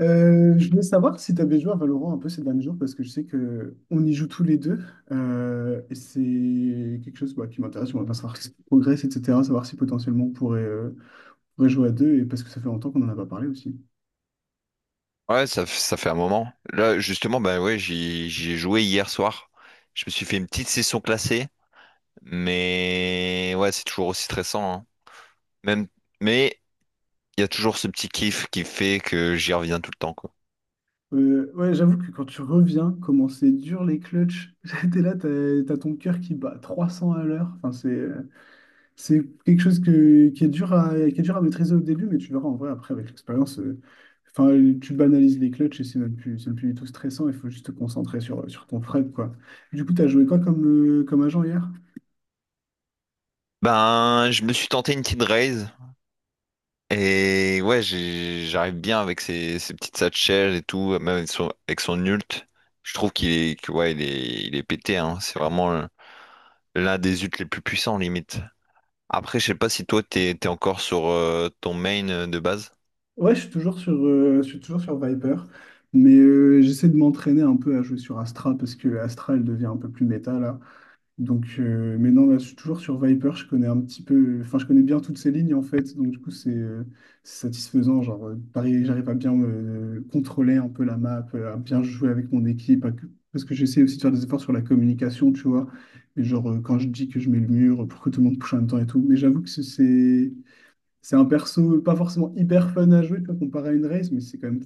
Je voulais savoir si tu avais joué à Valorant un peu ces derniers jours parce que je sais que on y joue tous les deux. Et c'est quelque chose qui m'intéresse. On va pas savoir si ça progresse, etc. Savoir si potentiellement on pourrait, pourrait jouer à deux et parce que ça fait longtemps qu'on en a pas parlé aussi. Ouais, ça, ça fait un moment. Là, justement, bah ouais, j'y ai joué hier soir. Je me suis fait une petite session classée, mais ouais, c'est toujours aussi stressant, hein. Même, mais il y a toujours ce petit kiff qui fait que j'y reviens tout le temps, quoi. Ouais, j'avoue que quand tu reviens, comment c'est dur les clutches, t'es là, t'as ton cœur qui bat 300 à l'heure. C'est quelque chose qui est dur à, qui est dur à maîtriser au début, mais tu verras en vrai après avec l'expérience. Enfin, tu banalises les clutches et c'est même plus du tout stressant. Il faut juste te concentrer sur, sur ton Fred, quoi. Du coup, tu as joué quoi comme, comme agent hier? Ben, je me suis tenté une petite raise et ouais, j'arrive bien avec ces petites satchels et tout, même avec avec son ult. Je trouve ouais, il est pété, hein. C'est vraiment l'un des ults les plus puissants, limite. Après, je sais pas si toi t'es encore sur ton main de base. Ouais, je suis toujours sur, je suis toujours sur Viper, mais j'essaie de m'entraîner un peu à jouer sur Astra parce que Astra, elle devient un peu plus méta là. Donc, mais non, là, je suis toujours sur Viper. Je connais un petit peu, enfin, je connais bien toutes ces lignes en fait. Donc, du coup, c'est satisfaisant. Genre, pareil, j'arrive à bien me contrôler un peu la map, à bien jouer avec mon équipe, parce que j'essaie aussi de faire des efforts sur la communication, tu vois. Mais genre, quand je dis que je mets le mur pour que tout le monde pousse en même temps et tout. Mais j'avoue que c'est un perso pas forcément hyper fun à jouer, tu vois, comparé à une race, mais c'est quand même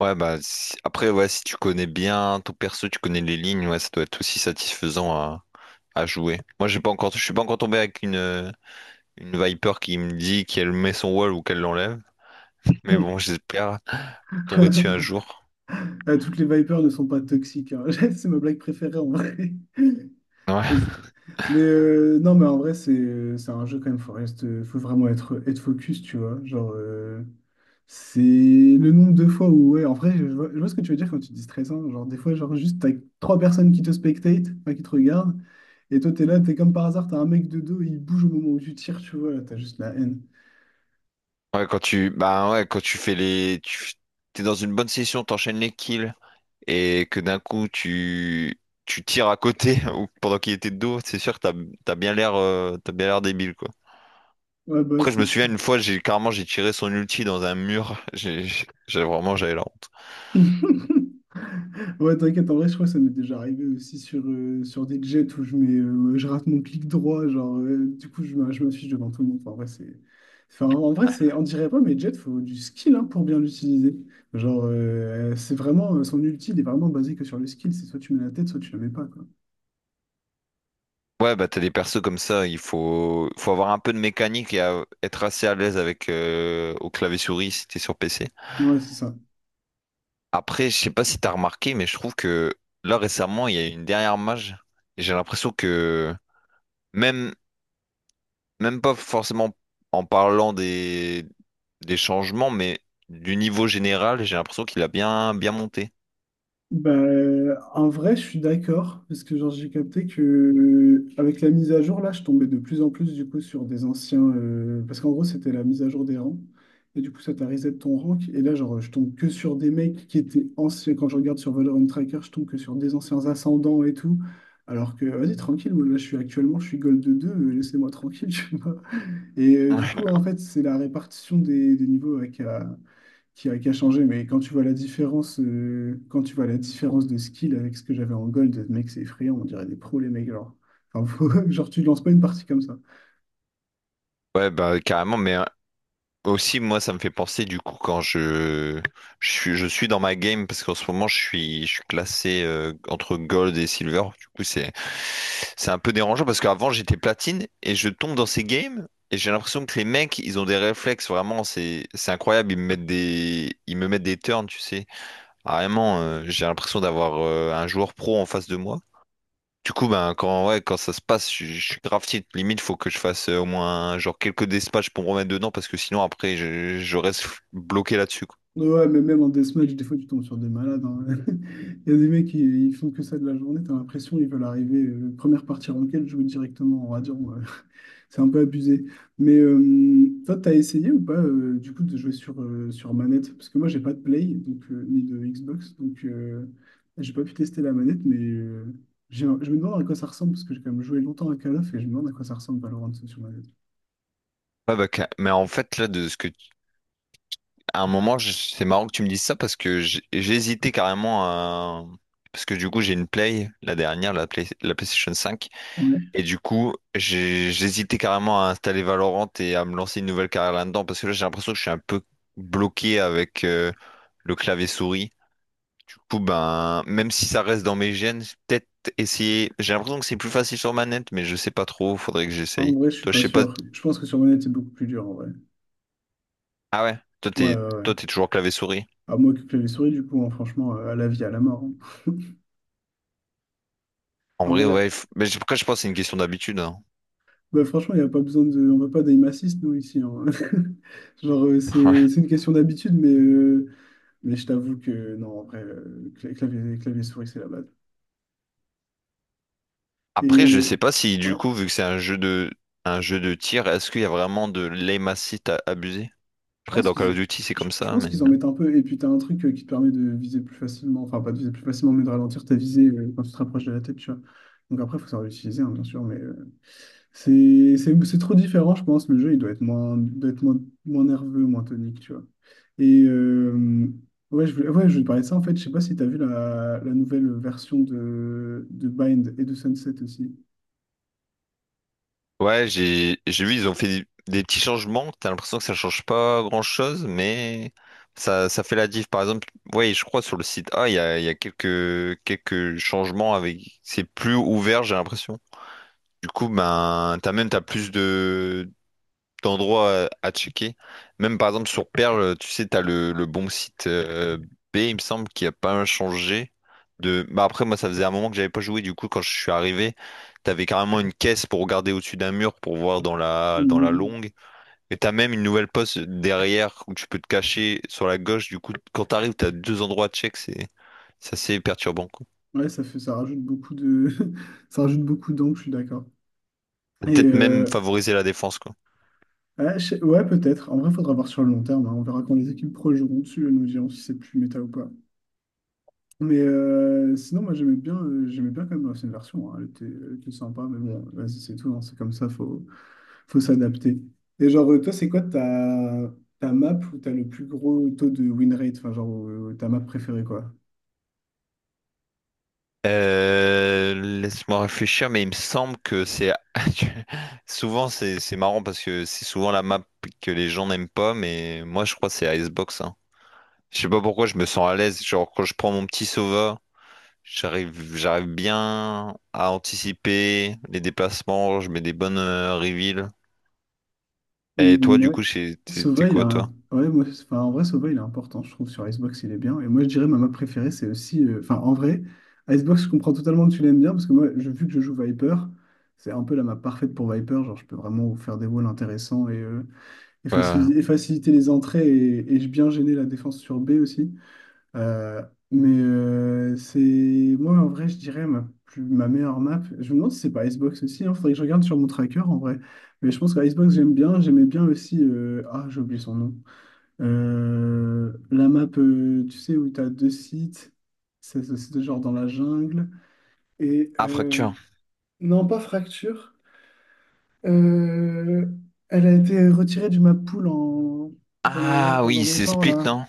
Ouais, après, ouais, si tu connais bien ton perso, tu connais les lignes, ouais, ça doit être aussi satisfaisant à jouer. Moi, j'ai pas encore, je suis pas encore tombé avec une Viper qui me dit qu'elle met son wall ou qu'elle l'enlève. Mais fun. bon, j'espère tomber dessus un jour. Toutes les Vipers ne sont pas toxiques, hein. C'est ma blague préférée en vrai. Ouais, Mais non, mais en vrai, c'est un jeu quand même, faut vraiment être, être focus, tu vois. Genre, c'est le nombre de fois où, ouais, en vrai, je vois ce que tu veux dire quand tu dis stressant. Genre, des fois, genre, juste, t'as trois personnes qui te spectatent, enfin, qui te regardent, et toi, t'es là, t'es comme par hasard, t'as un mec de dos, il bouge au moment où tu tires, tu vois, là, t'as juste la haine. ouais, bah ouais, quand tu fais tu, t'es dans une bonne session, t'enchaînes les kills, et que d'un coup tu tires à côté ou pendant qu'il était de dos, c'est sûr que t'as bien l'air débile quoi. Ouais, bah, ouais, Après je c'est me souviens clair. une fois j'ai tiré son ulti dans un mur, vraiment j'avais la honte. Ouais, t'inquiète, en vrai, je crois que ça m'est déjà arrivé aussi sur, sur des jets où je mets, je rate mon clic droit, genre, du coup, je m'affiche devant tout le monde. Enfin, en vrai, c'est, on dirait pas, mais jet, faut du skill hein, pour bien l'utiliser. Genre, c'est vraiment, son ulti, il est vraiment basé que sur le skill, c'est soit tu mets la tête, soit tu la mets pas, quoi. Ouais bah t'as des persos comme ça, il faut faut avoir un peu de mécanique et être assez à l'aise avec au clavier souris si t'es sur PC. Ouais, c'est ça. Après je sais pas si t'as remarqué mais je trouve que là récemment il y a eu une dernière mage et j'ai l'impression que même même pas forcément en parlant des changements, mais du niveau général, j'ai l'impression qu'il a bien monté. Bah, en vrai, je suis d'accord, parce que genre, j'ai capté que avec la mise à jour, là, je tombais de plus en plus du coup sur des anciens, parce qu'en gros, c'était la mise à jour des rangs. Et du coup, ça t'a reset ton rank. Et là, genre, je tombe que sur des mecs qui étaient anciens. Quand je regarde sur Valorant Tracker, je tombe que sur des anciens ascendants et tout. Alors que, vas-y, tranquille, moi, là, je suis actuellement, je suis Gold 2 laissez-moi tranquille, tu vois. Et du Ouais. coup, en fait, c'est la répartition des niveaux avec qui a changé, mais quand tu vois la différence, quand tu vois la différence de skill avec ce que j'avais en gold, mec, c'est effrayant, on dirait des pros, les mecs, genre. Genre, tu lances pas une partie comme ça. Ouais, bah carrément, mais aussi moi ça me fait penser du coup je suis dans ma game parce qu'en ce moment je suis classé entre gold et silver. Du coup c'est un peu dérangeant parce qu'avant j'étais platine et je tombe dans ces games et j'ai l'impression que les mecs ils ont des réflexes vraiment c'est incroyable, ils me mettent des ils me mettent des turns, tu sais. Carrément, j'ai l'impression d'avoir un joueur pro en face de moi. Du coup, ben, ouais, quand ça se passe, je suis grave tilt. Limite, faut que je fasse au moins genre quelques dispatchs pour me remettre dedans parce que sinon, après, je reste bloqué là-dessus, quoi. Ouais, ouais, mais même en deathmatch, des fois, tu tombes sur des malades, hein. Il y a des mecs, qui ils font que ça de la journée, t'as l'impression ils veulent arriver, première partie ranked, jouer directement en radiant, ouais. C'est un peu abusé. Mais toi, t'as essayé ou pas du coup de jouer sur, sur manette? Parce que moi, j'ai pas de Play donc, ni de Xbox, donc j'ai- pas pu tester la manette, mais je me demande à quoi ça ressemble, parce que j'ai quand même joué longtemps à Call of et je me demande à quoi ça ressemble Valorant sur manette. Ouais, bah, mais en fait, là, de ce que tu- à un moment, c'est marrant que tu me dises ça parce que j'ai hésité carrément à. Parce que du coup, j'ai une Play, la dernière, la PlayStation 5. Ouais. Et du coup, j'hésitais carrément à installer Valorant et à me lancer une nouvelle carrière là-dedans parce que là, j'ai l'impression que je suis un peu bloqué avec le clavier souris. Du coup, ben, même si ça reste dans mes gènes, peut-être essayer. J'ai l'impression que c'est plus facile sur manette, mais je sais pas trop. Faudrait que En j'essaye. vrai, je suis Toi, je pas sais pas. sûr. Je pense que sur manette, c'est beaucoup plus dur en vrai. Ah ouais, Ouais, ouais, ouais. toi, t'es toujours clavier souris. À moi que clavier souris, du coup, hein, franchement, à la vie, à la mort, hein. En En vrai, vrai, ouais. Mais après, je pense que c'est une question d'habitude, hein. bah, franchement, il n'y a pas besoin de. On va pas d'aim assist, nous, ici, hein. Genre, Ouais. C'est une question d'habitude, mais. Mais je t'avoue que non, en vrai, clavier, clavier souris, c'est la base. Et Après, je sais pas si, du ouais, coup, vu que c'est un jeu de tir, est-ce qu'il y a vraiment de l'aim assist à abuser? je Après, pense dans qu'ils Call of Duty, c'est comme je ça, pense mais… qu'ils en mettent un peu. Et puis, tu as un truc qui te permet de viser plus facilement, enfin, pas de viser plus facilement, mais de ralentir ta visée quand tu te rapproches de la tête, tu vois. Donc, après, il faut savoir l'utiliser, hein, bien sûr, mais c'est trop différent, je pense. Le jeu, il doit être moins, moins nerveux, moins tonique, tu vois. Et ouais, je voulais te parler de ça, en fait. Je sais pas si tu as vu la, la nouvelle version de Bind et de Sunset aussi. Ouais, j'ai vu, ils ont fait des petits changements. T'as l'impression que ça change pas grand-chose, mais ça fait la diff. Par exemple, ouais, je crois sur le site A, il y a quelques changements avec… C'est plus ouvert, j'ai l'impression. Du coup, ben, t'as plus d'endroits à checker. Même par exemple sur Perle, tu sais, le bon site B, il me semble, qui a pas changé de. Bah après, moi, ça faisait un moment que j'avais pas joué. Du coup, quand je suis arrivé, t'avais carrément une caisse pour regarder au-dessus d'un mur pour voir dans la longue. Et t'as même une nouvelle poste derrière où tu peux te cacher sur la gauche. Du coup, quand t'arrives, t'as deux endroits à check. C'est assez perturbant, quoi. Ouais, ça fait, ça rajoute beaucoup de, ça rajoute beaucoup d'angles, je suis d'accord. Et Peut-être même favoriser la défense, quoi. Ouais, peut-être. En vrai, faudra voir sur le long terme, hein. On verra quand les équipes pro joueront dessus, nous dirons si c'est plus méta ou pas. Mais sinon, moi, j'aimais bien quand même l'ancienne version, hein. Elle était sympa, mais bon, vas-y, c'est tout, hein. C'est comme ça, faut, faut s'adapter. Et genre, toi, c'est quoi ta, ta map où t'as le plus gros taux de win rate? Enfin, genre, ta map préférée, quoi? Laisse-moi réfléchir, mais il me semble que c'est souvent c'est marrant parce que c'est souvent la map que les gens n'aiment pas, mais moi je crois que c'est Icebox, hein. Je sais pas pourquoi je me sens à l'aise. Genre quand je prends mon petit Sova. J'arrive bien à anticiper les déplacements, je mets des bonnes reveals. Et toi, Mm, du ouais. coup, t'es Sova, il a quoi, toi? un... ouais, enfin, en vrai, Sova, il est important, je trouve, sur Icebox, il est bien. Et moi, je dirais, ma map préférée, c'est aussi... Enfin, en vrai, Icebox, je comprends totalement que tu l'aimes bien, parce que moi, je, vu que je joue Viper, c'est un peu la map parfaite pour Viper. Genre, je peux vraiment vous faire des walls intéressants Ouais, ouais. Et faciliter les entrées et bien gêner la défense sur B aussi. Euh, mais c'est moi en vrai, je dirais ma, plus, ma meilleure map. Je me demande si c'est pas Icebox aussi. Il faudrait que je regarde sur mon tracker en vrai. Mais je pense que Icebox, j'aime bien. J'aimais bien aussi. Ah, j'ai oublié son nom. La map, tu sais, où tu as deux sites. C'est ce site genre dans la jungle. Et Ah, fracture. non, pas Fracture. Euh, Elle a été retirée du map pool en... pendant, Ah pendant oui, c'est longtemps Split, là. non?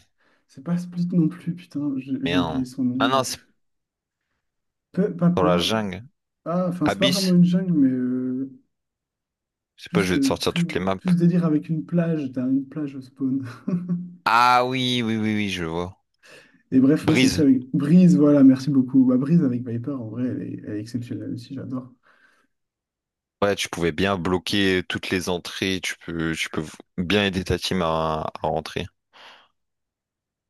C'est pas Split non plus, putain, j'ai oublié Merde. son nom, Ah non, c'est bref. Pas dans la Pearl. jungle. Ah, enfin, c'est pas vraiment Abyss? une jungle, mais Je sais pas, plus, je vais te sortir toutes les maps. plus délire avec une plage. T'as une plage au spawn. Ah oui, oui, oui, oui, je vois. Et bref, moi, celle-ci Brise. avec Brise, voilà, merci beaucoup. Bah, Brise avec Viper, en vrai, elle est exceptionnelle aussi, j'adore. Ouais, tu pouvais bien bloquer toutes les entrées, tu peux bien aider ta team à rentrer.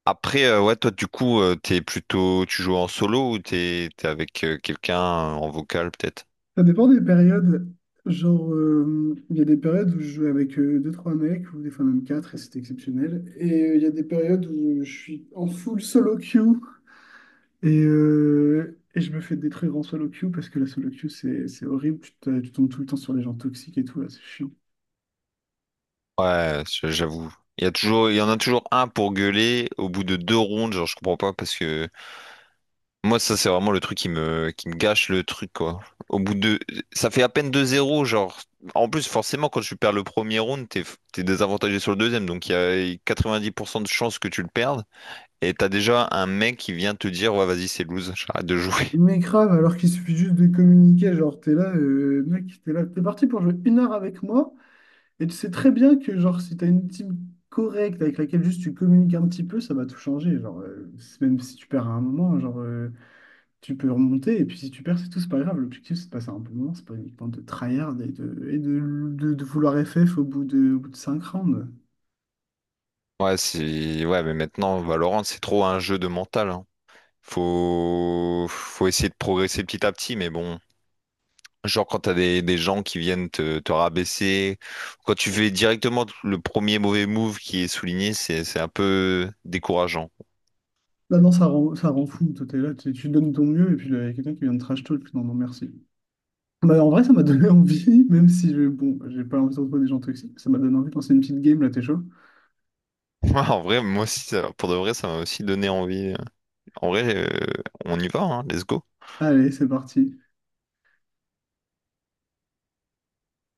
Après, ouais, toi, du coup, t'es plutôt, tu joues en solo ou t'es avec quelqu'un en vocal, peut-être? Ça dépend des périodes. Genre, il y a des périodes où je jouais avec deux trois mecs, ou des fois même 4 et c'était exceptionnel. Et il y a des périodes où je suis en full solo queue. Et je me fais détruire en solo queue parce que la solo queue, c'est horrible. Tu tombes tout le temps sur les gens toxiques et tout, là, c'est chiant. Ouais, j'avoue. Il y a toujours, il y en a toujours un pour gueuler au bout de deux rondes, genre je comprends pas parce que moi ça c'est vraiment le truc qui me gâche le truc quoi. Au bout de ça fait à peine deux 0 genre en plus forcément quand tu perds le premier round, t'es désavantagé sur le deuxième donc il y a 90% de chances que tu le perdes et t'as déjà un mec qui vient te dire ouais vas-y c'est lose, j'arrête de jouer. Mais grave, alors qu'il suffit juste de communiquer, genre, t'es là, mec, t'es là, t'es parti pour jouer une heure avec moi, et tu sais très bien que, genre, si t'as une team correcte avec laquelle juste tu communiques un petit peu, ça va tout changer. Genre, même si tu perds à un moment, tu peux remonter, et puis si tu perds, c'est tout, c'est pas grave. L'objectif, c'est de passer un bon moment, c'est pas uniquement de tryhard et de vouloir FF au bout de 5 rounds. Ouais, c'est ouais mais maintenant Valorant c'est trop un jeu de mental hein. Faut essayer de progresser petit à petit mais bon genre quand t'as des gens qui viennent te rabaisser, quand tu fais directement le premier mauvais move qui est souligné, c'est un peu décourageant. Bah non, ça rend fou. Toi, t'es là, tu donnes ton mieux, et puis là, il y a quelqu'un qui vient de trash talk. Non, non, merci. Bah, en vrai, ça m'a donné envie, même si je, bon, j'ai pas envie de trouver des gens toxiques. Ça m'a donné envie de lancer une petite game, là, t'es chaud? En vrai, moi aussi, pour de vrai, ça m'a aussi donné envie. En vrai, on y va, hein, let's go. Allez, c'est parti.